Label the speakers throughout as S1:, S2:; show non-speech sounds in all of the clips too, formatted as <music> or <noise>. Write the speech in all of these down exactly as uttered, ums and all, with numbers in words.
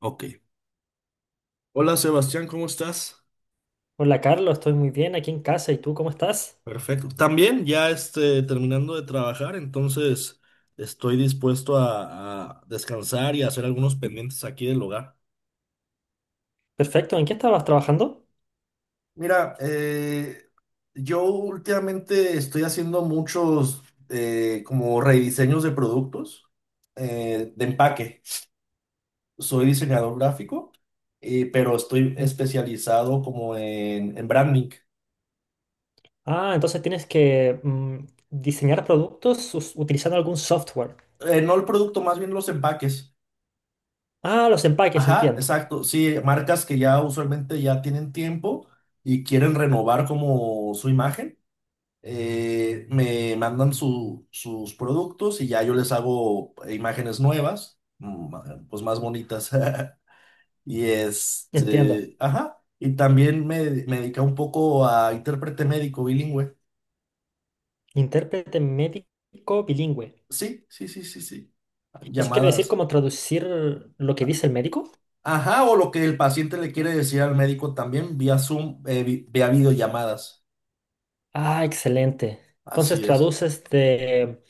S1: Ok. Hola Sebastián, ¿cómo estás?
S2: Hola Carlos, estoy muy bien aquí en casa. ¿Y tú cómo estás?
S1: Perfecto. También ya este, terminando de trabajar, entonces estoy dispuesto a, a descansar y a hacer algunos pendientes aquí del hogar.
S2: Perfecto. ¿En qué estabas trabajando?
S1: Mira, eh, yo últimamente estoy haciendo muchos eh, como rediseños de productos eh, de empaque. Soy diseñador gráfico, eh, pero estoy
S2: Mm.
S1: especializado como en, en branding.
S2: Ah, entonces tienes que mm, diseñar productos us- utilizando algún software.
S1: Eh, no el producto, más bien los empaques.
S2: Ah, los empaques,
S1: Ajá,
S2: entiendo.
S1: exacto. Sí, marcas que ya usualmente ya tienen tiempo y quieren renovar como su imagen, eh, me mandan su- sus productos y ya yo les hago imágenes nuevas, mm, pues más bonitas. <laughs> Y
S2: Entiendo.
S1: este, ajá. Y también me, me dediqué un poco a intérprete médico bilingüe.
S2: Intérprete médico bilingüe.
S1: Sí, sí, sí, sí, sí.
S2: ¿Eso quiere decir
S1: Llamadas.
S2: como traducir lo que dice el médico?
S1: Ajá, o lo que el paciente le quiere decir al médico también vía Zoom, eh, vi- vía videollamadas.
S2: Ah, excelente. Entonces
S1: Así es.
S2: traduces de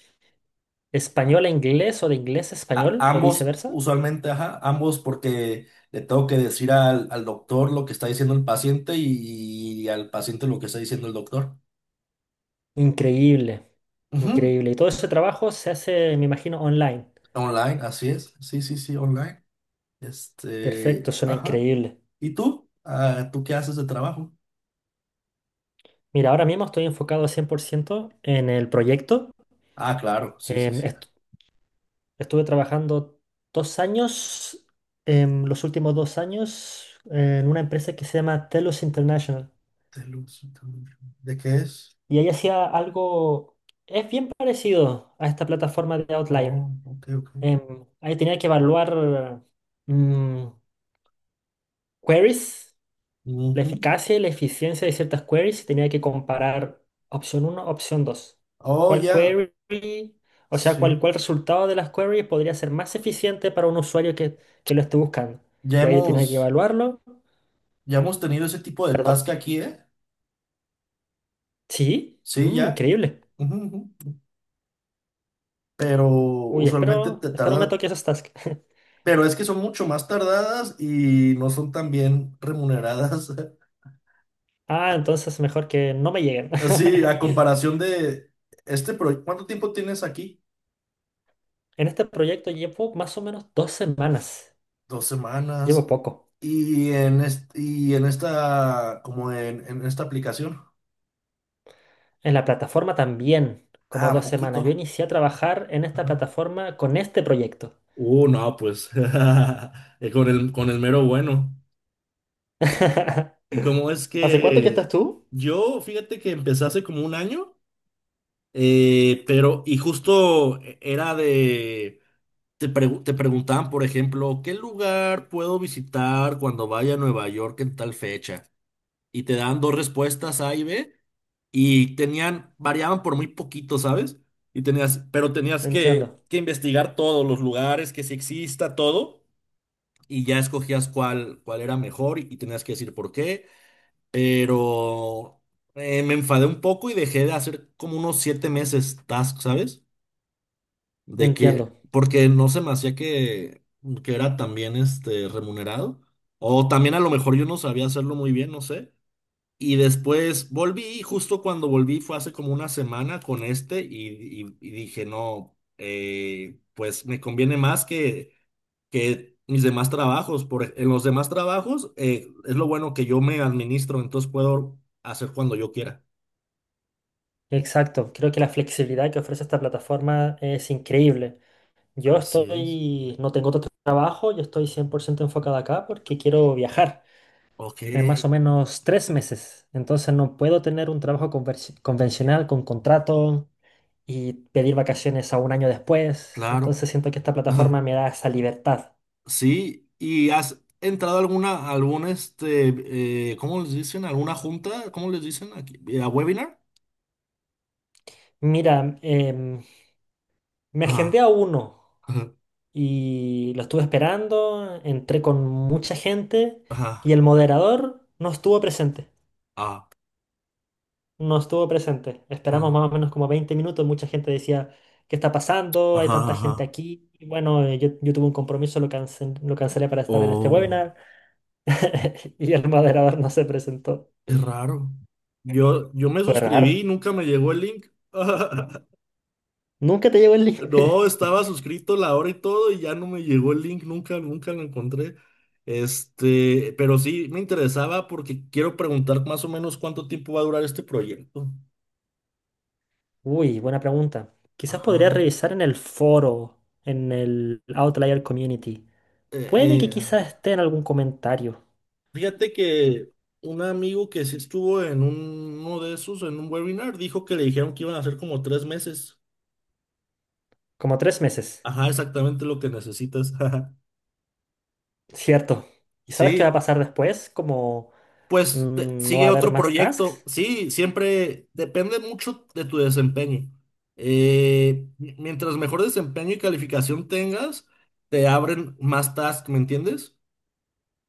S2: español a inglés o de inglés a
S1: A-
S2: español o
S1: ambos,
S2: viceversa.
S1: usualmente, ajá, ambos porque le tengo que decir al, al doctor lo que está diciendo el paciente y, al paciente lo que está diciendo el doctor.
S2: Increíble.
S1: Ujú.
S2: Increíble. Y todo ese trabajo se hace, me imagino, online.
S1: Online, así es. Sí, sí, sí, online.
S2: Perfecto,
S1: Este,
S2: suena
S1: ajá.
S2: increíble.
S1: ¿Y tú? Ah, ¿tú qué haces de trabajo?
S2: Mira, ahora mismo estoy enfocado cien por ciento en el proyecto.
S1: Ah, claro, sí, sí,
S2: Em,
S1: sí.
S2: est- Estuve trabajando dos años, em, los últimos dos años, en una empresa que se llama Telos International.
S1: De luz, ¿de qué es?
S2: Y ahí hacía algo, es bien parecido a esta plataforma de Outlier.
S1: Oh, ok, ok.
S2: Em, ahí tenía que evaluar mm, queries. La
S1: Ujú.
S2: eficacia y la eficiencia de ciertas queries tenía que comparar opción uno opción dos.
S1: Oh,
S2: ¿Cuál
S1: ya,
S2: query, o sea, cuál,
S1: sí.
S2: cuál resultado de las queries podría ser más eficiente para un usuario que, que lo esté buscando?
S1: Ya
S2: Y ahí yo tenía que
S1: hemos,
S2: evaluarlo.
S1: ya hemos tenido ese tipo de
S2: Perdón.
S1: task aquí, ¿eh?
S2: Sí.
S1: Sí,
S2: Mm,
S1: ya.
S2: increíble.
S1: Ujú, ujú. Pero
S2: Uy,
S1: usualmente
S2: espero,
S1: te
S2: espero me
S1: tarda,
S2: toque esos tasks. <laughs>
S1: pero es que son mucho más tardadas y no son tan bien remuneradas. <laughs>
S2: Ah, entonces mejor que no me lleguen.
S1: Sí, a
S2: <laughs>
S1: comparación de este proyecto, ¿cuánto tiempo tienes aquí?
S2: En este proyecto llevo más o menos dos semanas.
S1: Dos semanas.
S2: Llevo poco.
S1: Y en, est- y en esta, como en, en esta aplicación.
S2: En la plataforma también, como
S1: Ah,
S2: dos semanas.
S1: poquito.
S2: Yo inicié a trabajar en esta
S1: Ajá.
S2: plataforma con este proyecto.
S1: Uh, no, pues <laughs> eh, con el, con el mero bueno.
S2: <laughs>
S1: Y como es
S2: ¿Hace cuánto que estás
S1: que
S2: tú?
S1: yo, fíjate que empecé hace como un año. Eh, pero, y justo e, era de, te, pregu- te preguntaban, por ejemplo, ¿qué lugar puedo visitar cuando vaya a Nueva York en tal fecha? Y te daban dos respuestas A y B, y tenían, variaban por muy poquito, ¿sabes? Y tenías, pero tenías
S2: Entiendo,
S1: que, que investigar todos los lugares, que si exista todo, y ya escogías cuál, cuál era mejor y tenías que decir por qué, pero eh, me enfadé un poco y dejé de hacer como unos siete meses task, ¿sabes? De
S2: entiendo.
S1: que, porque no se me hacía que, que era también este remunerado. O también a lo mejor yo no sabía hacerlo muy bien, no sé. Y después volví, y justo cuando volví fue hace como una semana con este y, y- y dije, no, eh, pues me conviene más que, que mis demás trabajos. Por, ej- en los demás trabajos eh, es lo bueno que yo me administro, entonces puedo hacer cuando yo quiera.
S2: Exacto. Creo que la flexibilidad que ofrece esta plataforma es increíble. Yo
S1: Así es.
S2: estoy, no tengo otro trabajo, yo estoy cien por ciento enfocado acá porque quiero viajar
S1: Ok,
S2: en más o menos tres meses. Entonces no puedo tener un trabajo conversi- convencional con contrato y pedir vacaciones a un año después.
S1: claro.
S2: Entonces siento que esta plataforma me
S1: <laughs>
S2: da esa libertad.
S1: Sí, ¿y has entrado a alguna, algún, este, eh, ¿cómo les dicen? ¿Alguna junta? ¿Cómo les dicen aquí? Eh, ¿A webinar?
S2: Mira, em, me agendé
S1: Ajá,
S2: a uno
S1: ajá,
S2: y lo estuve esperando, entré con mucha gente y
S1: ajá,
S2: el moderador no estuvo presente,
S1: ah,
S2: no estuvo presente. Esperamos
S1: ah,
S2: más o menos como veinte minutos, mucha gente decía, ¿qué está pasando? Hay
S1: ajá,
S2: tanta gente
S1: ajá.
S2: aquí. Y bueno, eh, yo, yo tuve un compromiso, lo cancel- lo cancelé para estar en este
S1: Oh,
S2: webinar <laughs> y el moderador no se presentó.
S1: qué raro. Yo, yo me
S2: Fue
S1: suscribí y
S2: raro.
S1: nunca me llegó el link. <laughs>
S2: Nunca te llegó el link.
S1: No,
S2: <laughs>
S1: estaba suscrito la hora y todo y ya no me llegó el link, nunca, nunca lo encontré. Este, pero sí me interesaba porque quiero preguntar más o menos cuánto tiempo va a durar este proyecto.
S2: Uy, buena pregunta. Quizás podría
S1: Ajá.
S2: revisar en el foro, en el Outlier Community.
S1: Eh,
S2: Puede que
S1: eh,
S2: quizás esté en algún comentario.
S1: fíjate que un amigo que sí estuvo en un- uno de esos, en un webinar, dijo que le dijeron que iban a hacer como tres meses.
S2: Como tres meses.
S1: Ajá, exactamente lo que necesitas. <laughs>
S2: Cierto. ¿Y sabes qué va a
S1: Sí,
S2: pasar después? Como
S1: pues te-
S2: mm, no va a
S1: sigue
S2: haber
S1: otro
S2: más
S1: proyecto.
S2: tasks.
S1: Sí, siempre depende mucho de tu desempeño. Eh, mi- mientras mejor desempeño y calificación tengas, te abren más tasks, ¿me entiendes?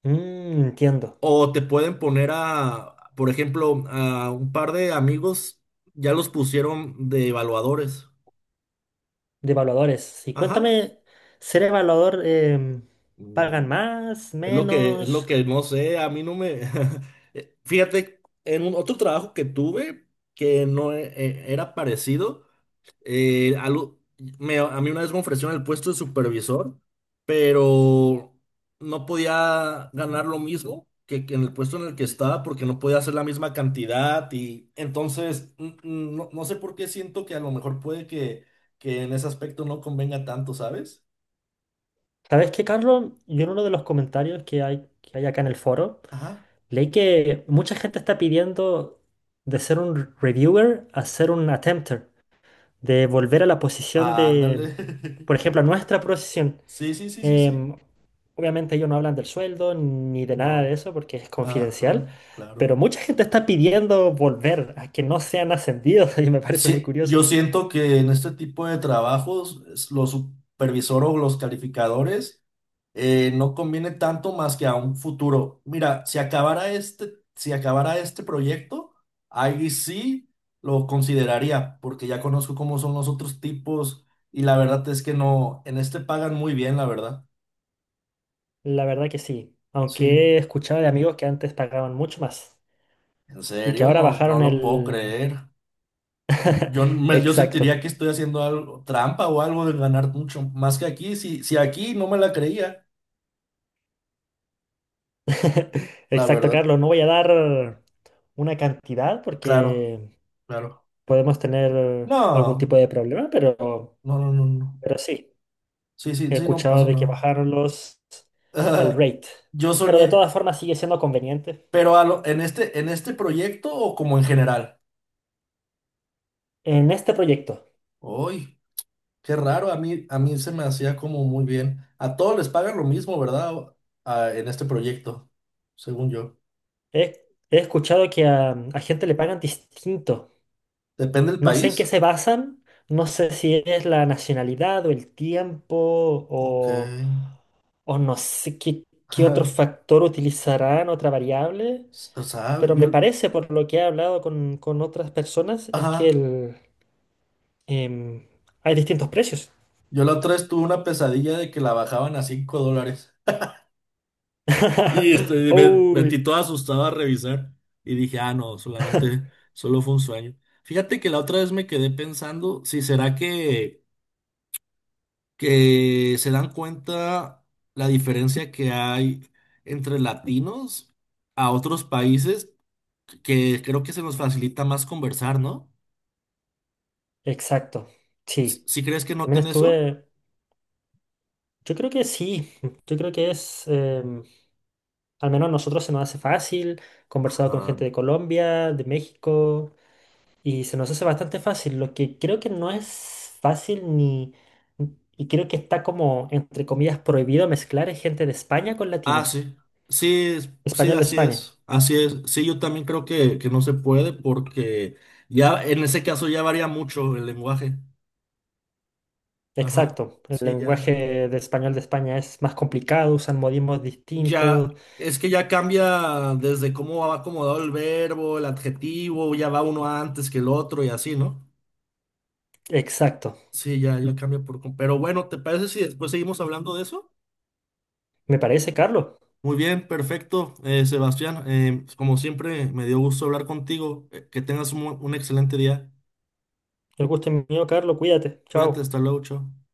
S2: Mm, entiendo.
S1: O te pueden poner a, por ejemplo, a un par de amigos, ya los pusieron de evaluadores.
S2: De evaluadores. Y
S1: Ajá.
S2: cuéntame, ser evaluador, em,
S1: Mm,
S2: ¿pagan más,
S1: es lo que, es lo
S2: menos?
S1: que no sé, a mí no me. <laughs> Eh, fíjate, en un otro trabajo que tuve, que no e- e- era parecido, Eh, algo, me- a mí una vez me ofrecieron el puesto de supervisor, pero no podía ganar lo mismo que, que en el puesto en el que estaba porque no podía hacer la misma cantidad y entonces mm, mm, no, no sé por qué siento que a lo mejor puede que, que en ese aspecto no convenga tanto, ¿sabes?
S2: ¿Sabes qué, Carlos? Yo en uno de los comentarios que hay, que hay acá en el foro.
S1: Ajá.
S2: Leí que mucha gente está pidiendo de ser un reviewer a ser un attempter, de volver a la posición de,
S1: Ándale. <laughs>
S2: por ejemplo, a nuestra posición.
S1: Sí, sí, sí, sí, sí.
S2: Em, obviamente ellos no hablan del sueldo ni de nada de
S1: No.
S2: eso porque es
S1: Ajá,
S2: confidencial, pero
S1: claro.
S2: mucha gente está pidiendo volver a que no sean ascendidos <laughs> y me parece muy
S1: Sí,
S2: curioso.
S1: yo siento que en este tipo de trabajos es- los supervisores o los calificadores eh, no conviene tanto más que a un futuro. Mira, si acabara este, si acabara este proyecto, ahí sí lo consideraría, porque ya conozco cómo son los otros tipos y la verdad es que no, en este pagan muy bien, la verdad.
S2: La verdad que sí,
S1: Sí,
S2: aunque he escuchado de amigos que antes pagaban mucho más
S1: en
S2: y que
S1: serio,
S2: ahora
S1: no, no
S2: bajaron
S1: lo puedo
S2: el...
S1: creer. Yo,
S2: <laughs>
S1: me- yo
S2: Exacto.
S1: sentiría que estoy haciendo algo, trampa o algo de ganar mucho más que aquí. Si, si aquí no me la creía,
S2: <laughs>
S1: la
S2: Exacto,
S1: verdad.
S2: Carlos. No voy a dar una cantidad
S1: Claro,
S2: porque
S1: claro.
S2: podemos tener algún
S1: No,
S2: tipo de problema, pero,
S1: no, no, no, no.
S2: pero sí,
S1: Sí, sí,
S2: he
S1: sí, no
S2: escuchado
S1: pasó
S2: de que
S1: nada.
S2: bajaron los, el
S1: <laughs>
S2: rate.
S1: Yo
S2: Pero de
S1: soñé,
S2: todas formas sigue siendo conveniente.
S1: pero a lo- en este, en este proyecto o como en general.
S2: En este proyecto
S1: Uy, qué raro, a mí, a mí se me hacía como muy bien. A todos les pagan lo mismo, ¿verdad? O- a- en este proyecto, según yo.
S2: he, he escuchado que a, a gente le pagan distinto.
S1: Depende del
S2: No sé en qué
S1: país.
S2: se basan, no sé si es la nacionalidad o el tiempo
S1: Ok.
S2: o, o no sé qué, qué otro
S1: <laughs>
S2: factor utilizarán, otra variable.
S1: O sea,
S2: Pero me
S1: yo,
S2: parece, por lo que he hablado con, con otras personas, es que
S1: ajá.
S2: el, em, hay distintos precios.
S1: Yo la otra vez tuve una pesadilla de que la bajaban a cinco dólares. Y
S2: <laughs>
S1: este, me
S2: Uy,
S1: metí todo asustado a revisar y dije, ah, no, solamente, solo fue un sueño. Fíjate que la otra vez me quedé pensando si será que, que se dan cuenta la diferencia que hay entre latinos a otros países, que creo que se nos facilita más conversar, ¿no?
S2: exacto, sí.
S1: ¿Si crees que
S2: También
S1: noten eso?
S2: estuve, yo creo que sí, yo creo que es, em, al menos a nosotros se nos hace fácil, conversado con gente
S1: Ajá.
S2: de Colombia, de México, y se nos hace bastante fácil, lo que creo que no es fácil ni, y creo que está como, entre comillas, prohibido mezclar es gente de España con
S1: Ah,
S2: latinos,
S1: sí, sí, es- sí,
S2: español de
S1: así
S2: España.
S1: es, así es. Sí, yo también creo que, que no se puede porque ya en ese caso ya varía mucho el lenguaje. Ajá,
S2: Exacto, el
S1: sí, ya.
S2: lenguaje de español de España es más complicado, usan modismos
S1: Ya,
S2: distintos.
S1: es que ya cambia desde cómo va acomodado el verbo, el adjetivo, ya va uno antes que el otro y así, ¿no?
S2: Exacto,
S1: Sí, ya, ya cambia por... com- pero bueno, ¿te parece si después seguimos hablando de eso?
S2: me parece, Carlos.
S1: Muy bien, perfecto, eh, Sebastián. eh, como siempre, me dio gusto hablar contigo. Eh, que tengas un un excelente día.
S2: El gusto es mío, Carlos, cuídate.
S1: Cuídate,
S2: Chao.
S1: hasta luego, chao.